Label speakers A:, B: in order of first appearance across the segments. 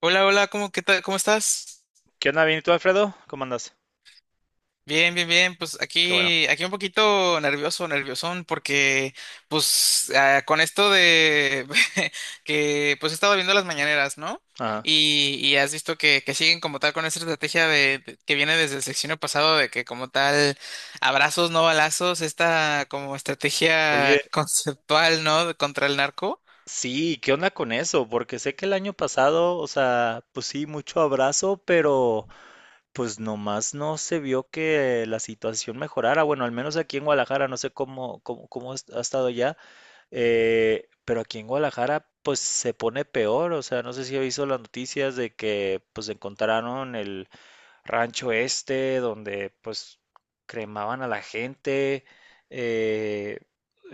A: Hola, hola, ¿cómo, qué tal? ¿Cómo estás?
B: ¿Qué onda, bien? ¿Y tú, Alfredo? ¿Cómo andas?
A: Bien, bien, bien. Pues
B: Qué bueno.
A: aquí, aquí un poquito nervioso, nerviosón, porque pues con esto de que pues he estado viendo las mañaneras, ¿no?
B: Ajá.
A: Y has visto que siguen como tal con esa estrategia que viene desde el sexenio pasado de que como tal abrazos, no balazos, esta como
B: Oye,
A: estrategia conceptual, ¿no? Contra el narco.
B: sí, ¿qué onda con eso? Porque sé que el año pasado, o sea, pues sí, mucho abrazo, pero pues nomás no se vio que la situación mejorara. Bueno, al menos aquí en Guadalajara, no sé cómo ha estado ya, pero aquí en Guadalajara, pues se pone peor. O sea, no sé si ha visto las noticias de que pues encontraron el rancho este, donde pues cremaban a la gente. eh,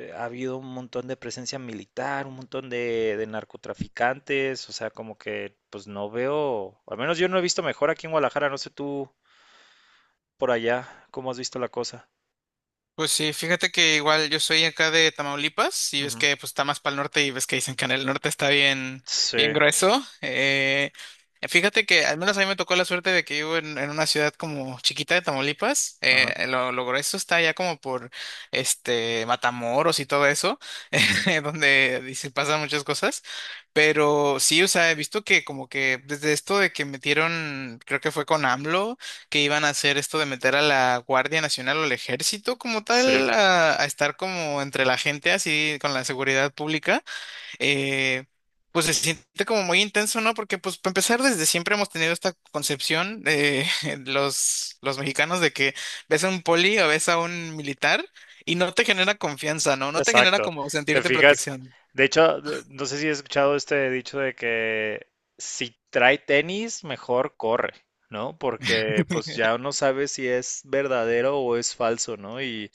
B: Ha habido un montón de presencia militar, un montón de narcotraficantes, o sea, como que pues no veo, al menos yo no he visto mejor aquí en Guadalajara, no sé tú por allá, ¿cómo has visto la cosa?
A: Pues sí, fíjate que igual yo soy acá de Tamaulipas y ves
B: Ujú.
A: que pues está más para el norte y ves que dicen que en el norte está bien, bien
B: Sí,
A: grueso. Fíjate que al menos a mí me tocó la suerte de que vivo en una ciudad como chiquita de Tamaulipas.
B: ajá,
A: Lo grueso está ya como por este Matamoros y todo eso,
B: ujú,
A: donde dice pasan muchas cosas. Pero sí, o sea, he visto que como que desde esto de que metieron, creo que fue con AMLO que iban a hacer esto de meter a la Guardia Nacional o al ejército como
B: sí.
A: tal a estar como entre la gente así con la seguridad pública, eh, pues se siente como muy intenso, ¿no? Porque pues para empezar desde siempre hemos tenido esta concepción de los mexicanos de que ves a un poli o ves a un militar y no te genera confianza, ¿no? No te genera
B: Exacto.
A: como
B: ¿Te
A: sentirte
B: fijas?
A: protección.
B: De hecho, no sé si has escuchado este dicho de que si trae tenis, mejor corre, ¿no? Porque pues ya uno sabe si es verdadero o es falso, ¿no? Y,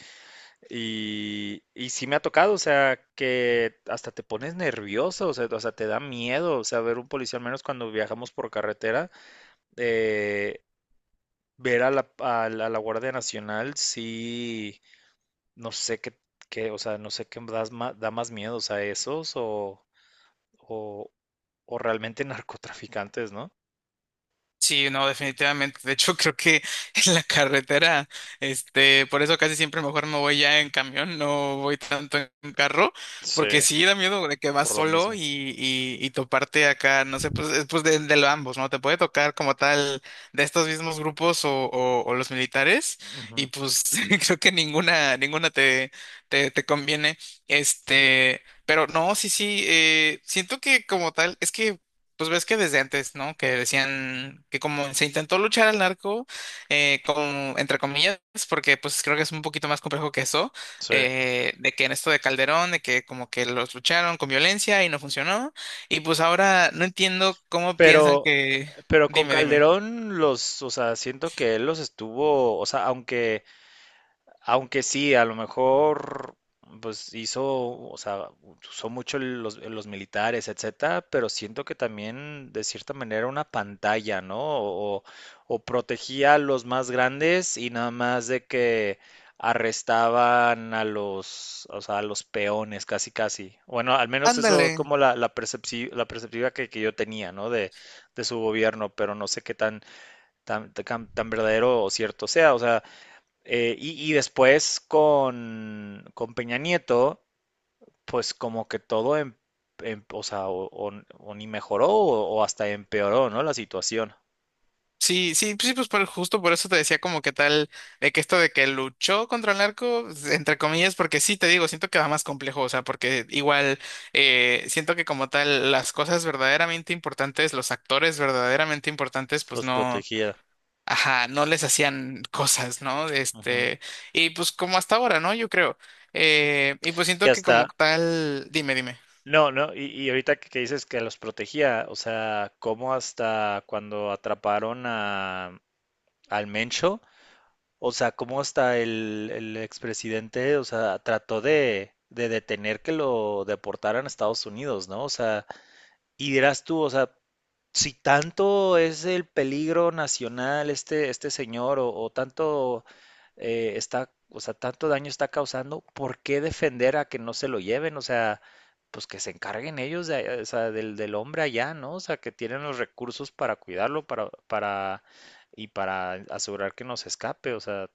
B: y, y sí me ha tocado, o sea, que hasta te pones nervioso, o sea, te da miedo, o sea, ver un policía, al menos cuando viajamos por carretera, eh, ver a la Guardia Nacional, sí. No sé o sea, no sé qué da más miedo, o sea, esos o, o realmente narcotraficantes, ¿no?
A: Sí, no, definitivamente. De hecho, creo que en la carretera, este, por eso casi siempre mejor me voy ya en camión, no voy tanto en carro,
B: Sí,
A: porque sí da miedo de que vas
B: por lo
A: solo
B: mismo.
A: y toparte acá, no sé, pues, es, pues de lo ambos, ¿no? Te puede tocar como tal de estos mismos grupos o los militares,
B: Ujú.
A: y pues creo que ninguna, ninguna te conviene. Este, pero no, sí, sí, siento que como tal, es que pues ves que desde antes, ¿no? Que decían que como se intentó luchar al narco, como entre comillas, porque pues creo que es un poquito más complejo que eso,
B: Sí.
A: de que en esto de Calderón, de que como que los lucharon con violencia y no funcionó, y pues ahora no entiendo cómo piensan
B: Pero,
A: que...
B: pero con
A: Dime, dime.
B: Calderón los, o sea, siento que él los estuvo, o sea, aunque sí, a lo mejor, pues hizo, o sea, usó mucho los militares, etcétera, pero siento que también de cierta manera una pantalla, ¿no? O protegía a los más grandes y nada más de que arrestaban a los, o sea, a los peones, casi, casi. Bueno, al menos eso es
A: Ándale.
B: como la perspectiva que yo tenía, ¿no? De su gobierno, pero no sé qué tan verdadero o cierto sea, o sea. Y después con Peña Nieto, pues como que todo, o sea, o ni mejoró o hasta empeoró, ¿no? La situación.
A: Sí, sí, sí, pues justo por eso te decía como que tal, de que esto de que luchó contra el narco, entre comillas, porque sí, te digo, siento que va más complejo, o sea, porque igual siento que como tal las cosas verdaderamente importantes, los actores verdaderamente importantes, pues
B: Los
A: no,
B: protegía.
A: ajá, no les hacían cosas, ¿no?
B: Ujú.
A: Este, y pues como hasta ahora, ¿no? Yo creo. Y pues
B: Que
A: siento que como
B: hasta,
A: tal, dime, dime.
B: no, no, y ahorita que dices que los protegía, o sea, como hasta cuando atraparon al Mencho, o sea, como hasta el expresidente, o sea, trató de detener que lo deportaran a Estados Unidos, ¿no? O sea, y dirás tú, o sea, si tanto es el peligro nacional este señor o tanto está, o sea, tanto daño está causando, ¿por qué defender a que no se lo lleven? O sea, pues que se encarguen ellos o sea, del hombre allá, ¿no? O sea, que tienen los recursos para cuidarlo, y para asegurar que no se escape. O sea,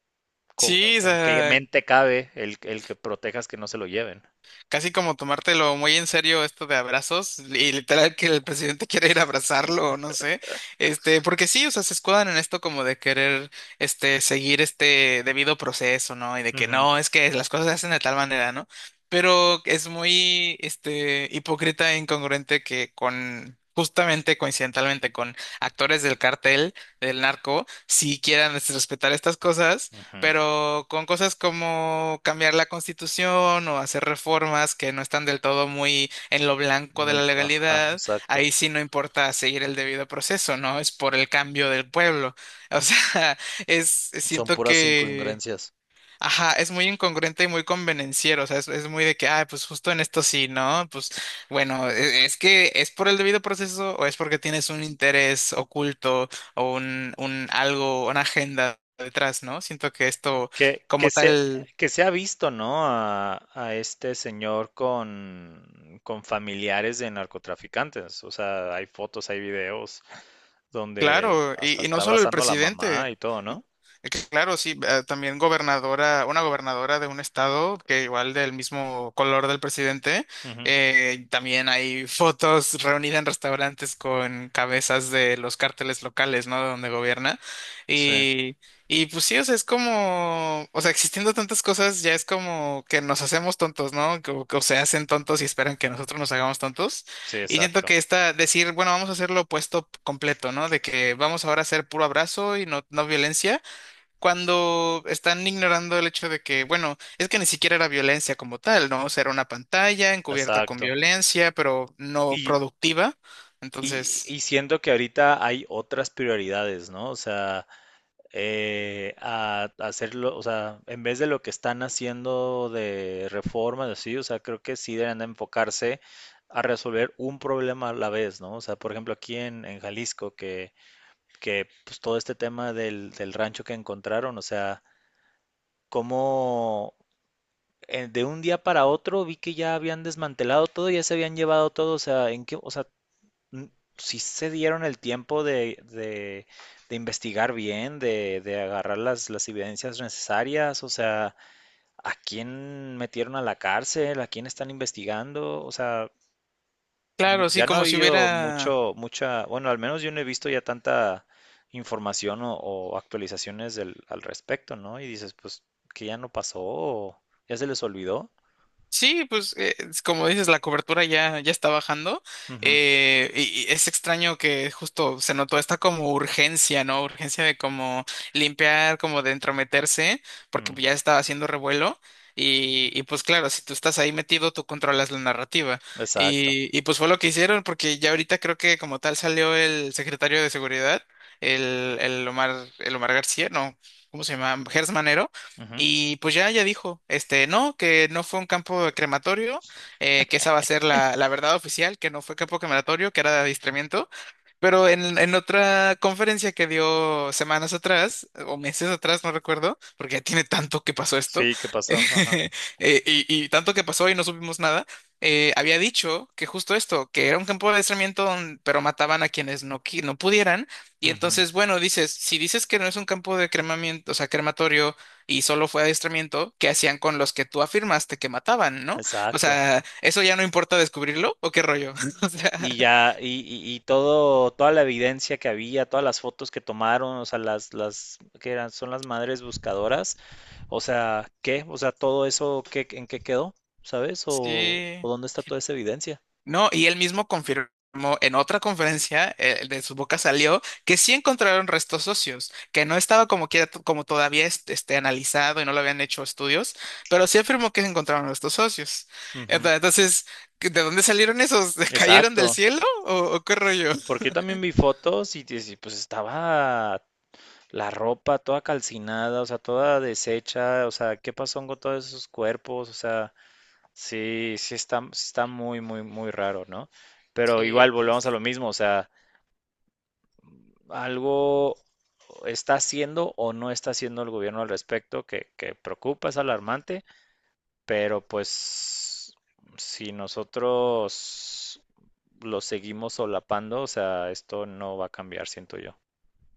A: Sí, o
B: ¿en qué
A: sea,
B: mente cabe el que protejas que no se lo lleven?
A: casi como tomártelo muy en serio esto de abrazos y literal que el presidente quiere ir a abrazarlo, o no sé, este, porque sí, o sea, se escudan en esto como de querer, este, seguir este debido proceso, ¿no? Y de que
B: Ujú,
A: no, es que las cosas se hacen de tal manera, ¿no? Pero es muy, este, hipócrita e incongruente que con... Justamente coincidentalmente con actores del cartel del narco, si quieran este, respetar estas cosas,
B: ujú,
A: pero con cosas como cambiar la constitución o hacer reformas que no están del todo muy en lo blanco de la
B: muy, ajá,
A: legalidad,
B: exacto.
A: ahí sí no importa seguir el debido proceso, ¿no? Es por el cambio del pueblo. O sea, es,
B: Son
A: siento
B: puras
A: que...
B: incongruencias.
A: Ajá, es muy incongruente y muy convenenciero, o sea, es muy de que, ah, pues justo en esto sí, ¿no? Pues bueno, es que es por el debido proceso o es porque tienes un interés oculto o un algo, una agenda detrás, ¿no? Siento que esto
B: Que, que
A: como
B: se,
A: tal,
B: que se ha visto, ¿no? A este señor con familiares de narcotraficantes. O sea, hay fotos, hay videos donde
A: claro,
B: hasta
A: y no
B: está
A: solo el
B: abrazando a la mamá
A: presidente.
B: y todo, ¿no?
A: Que Claro, sí, también gobernadora, una gobernadora de un estado que igual del mismo color del presidente,
B: Ujú.
A: también hay fotos reunidas en restaurantes con cabezas de los cárteles locales, ¿no? De donde gobierna.
B: Sí,
A: Y, y pues sí, o sea, es como, o sea, existiendo tantas cosas, ya es como que nos hacemos tontos, ¿no? O, se hacen tontos y esperan que nosotros nos hagamos tontos.
B: sí,
A: Y siento
B: exacto,
A: que esta, decir, bueno, vamos a hacer lo opuesto completo, ¿no? De que vamos ahora a hacer puro abrazo y no violencia cuando están ignorando el hecho de que, bueno, es que ni siquiera era violencia como tal, ¿no? O sea, era una pantalla encubierta con
B: exacto.
A: violencia, pero no productiva.
B: Y
A: Entonces,
B: siento que ahorita hay otras prioridades, ¿no? O sea, a hacerlo, o sea, en vez de lo que están haciendo de reformas, así, o sea, creo que sí deben de enfocarse a resolver un problema a la vez, ¿no? O sea, por ejemplo, aquí en Jalisco, que pues, todo este tema del rancho que encontraron, o sea, cómo de un día para otro vi que ya habían desmantelado todo, ya se habían llevado todo, o sea, ¿en qué, o sea, n- sí se dieron el tiempo de investigar bien, de agarrar las evidencias necesarias, o sea, a quién metieron a la cárcel, a quién están investigando, o sea,
A: claro, sí,
B: ya no ha
A: como si
B: habido
A: hubiera...
B: mucha, bueno, al menos yo no he visto ya tanta información o actualizaciones al respecto, ¿no? Y dices, pues, que ya no pasó, o ya se les olvidó.
A: Sí, pues es como dices, la cobertura ya, ya está bajando
B: Ujú,
A: y es extraño que justo se notó esta como urgencia, ¿no? Urgencia de como limpiar, como de entrometerse, porque
B: mm,
A: ya estaba haciendo revuelo y pues claro, si tú estás ahí metido, tú controlas la narrativa
B: exacto.
A: y pues fue lo que hicieron porque ya ahorita creo que como tal salió el secretario de Seguridad, el Omar García, no, ¿cómo se llama? Gers Manero
B: Ujú.
A: y pues ya, ya dijo, este, no, que no fue un campo de crematorio, que esa va a ser la verdad oficial, que no fue campo crematorio, que era de adiestramiento. Pero en otra conferencia que dio semanas atrás, o meses atrás, no recuerdo, porque ya tiene tanto que pasó esto,
B: Sí, ¿qué pasó? Ajá.
A: y tanto que pasó y no supimos nada, había dicho que justo esto, que era un campo de adiestramiento, pero mataban a quienes no, no pudieran. Y
B: Ujú.
A: entonces, bueno, dices, si dices que no es un campo de cremamiento, o sea, crematorio, y solo fue adiestramiento que hacían con los que tú afirmaste que mataban, ¿no? O
B: Exacto.
A: sea, ¿eso ya no importa descubrirlo o qué rollo? O sea,
B: Y ya, y todo, toda la evidencia que había, todas las fotos que tomaron, o sea, ¿que eran? Son las madres buscadoras, o sea, ¿qué? O sea, todo eso, ¿qué, en qué quedó? ¿Sabes? ¿O,
A: sí.
B: o dónde está toda esa evidencia?
A: No, y él mismo confirmó en otra conferencia, de su boca salió que sí encontraron restos óseos, que no estaba como quiera, como todavía este, analizado y no lo habían hecho estudios, pero sí afirmó que se encontraron restos óseos.
B: Ujú.
A: Entonces, ¿de dónde salieron esos? ¿Cayeron del
B: Exacto,
A: cielo o qué rollo?
B: porque yo también vi fotos y, dices, pues estaba la ropa toda calcinada, o sea, toda deshecha, o sea, ¿qué pasó con todos esos cuerpos? O sea, sí, sí está muy, muy, muy raro, ¿no? Pero
A: Sí,
B: igual volvemos a
A: pues.
B: lo mismo, o sea, algo está haciendo o no está haciendo el gobierno al respecto que preocupa, es alarmante, pero pues si nosotros lo seguimos solapando, o sea, esto no va a cambiar, siento yo.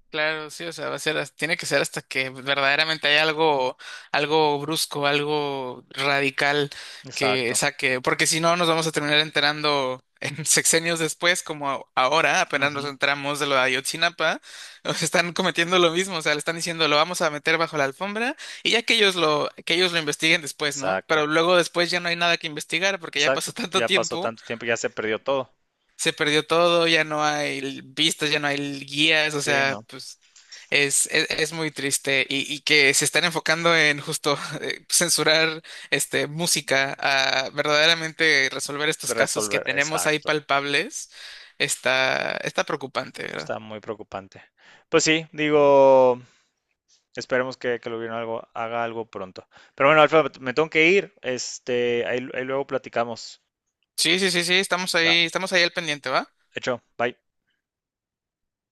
A: Claro, sí, o sea, va a ser, tiene que ser hasta que verdaderamente hay algo, algo brusco, algo radical que
B: Exacto.
A: saque, porque si no nos vamos a terminar enterando en sexenios después, como ahora, apenas nos
B: Ujú.
A: enteramos de lo de Ayotzinapa, nos están cometiendo lo mismo, o sea, le están diciendo lo vamos a meter bajo la alfombra y ya que ellos lo investiguen después, ¿no? Pero
B: Exacto.
A: luego después ya no hay nada que investigar porque ya pasó
B: Exacto.
A: tanto
B: Ya pasó
A: tiempo
B: tanto tiempo, ya se perdió todo.
A: se perdió todo, ya no hay vistas, ya no hay guías, o
B: Sí,
A: sea,
B: no.
A: pues es muy triste y que se están enfocando en justo censurar este, música a verdaderamente resolver estos casos que
B: Resolver,
A: tenemos ahí
B: exacto.
A: palpables, está, está preocupante, ¿verdad?
B: Está muy preocupante. Pues sí, digo, esperemos que lo vieron algo, haga algo pronto. Pero bueno, Alfa, me tengo que ir. Ahí luego platicamos.
A: Sí, sí, sí, sí,
B: Va,
A: estamos ahí al pendiente, ¿va?
B: hecho, bye.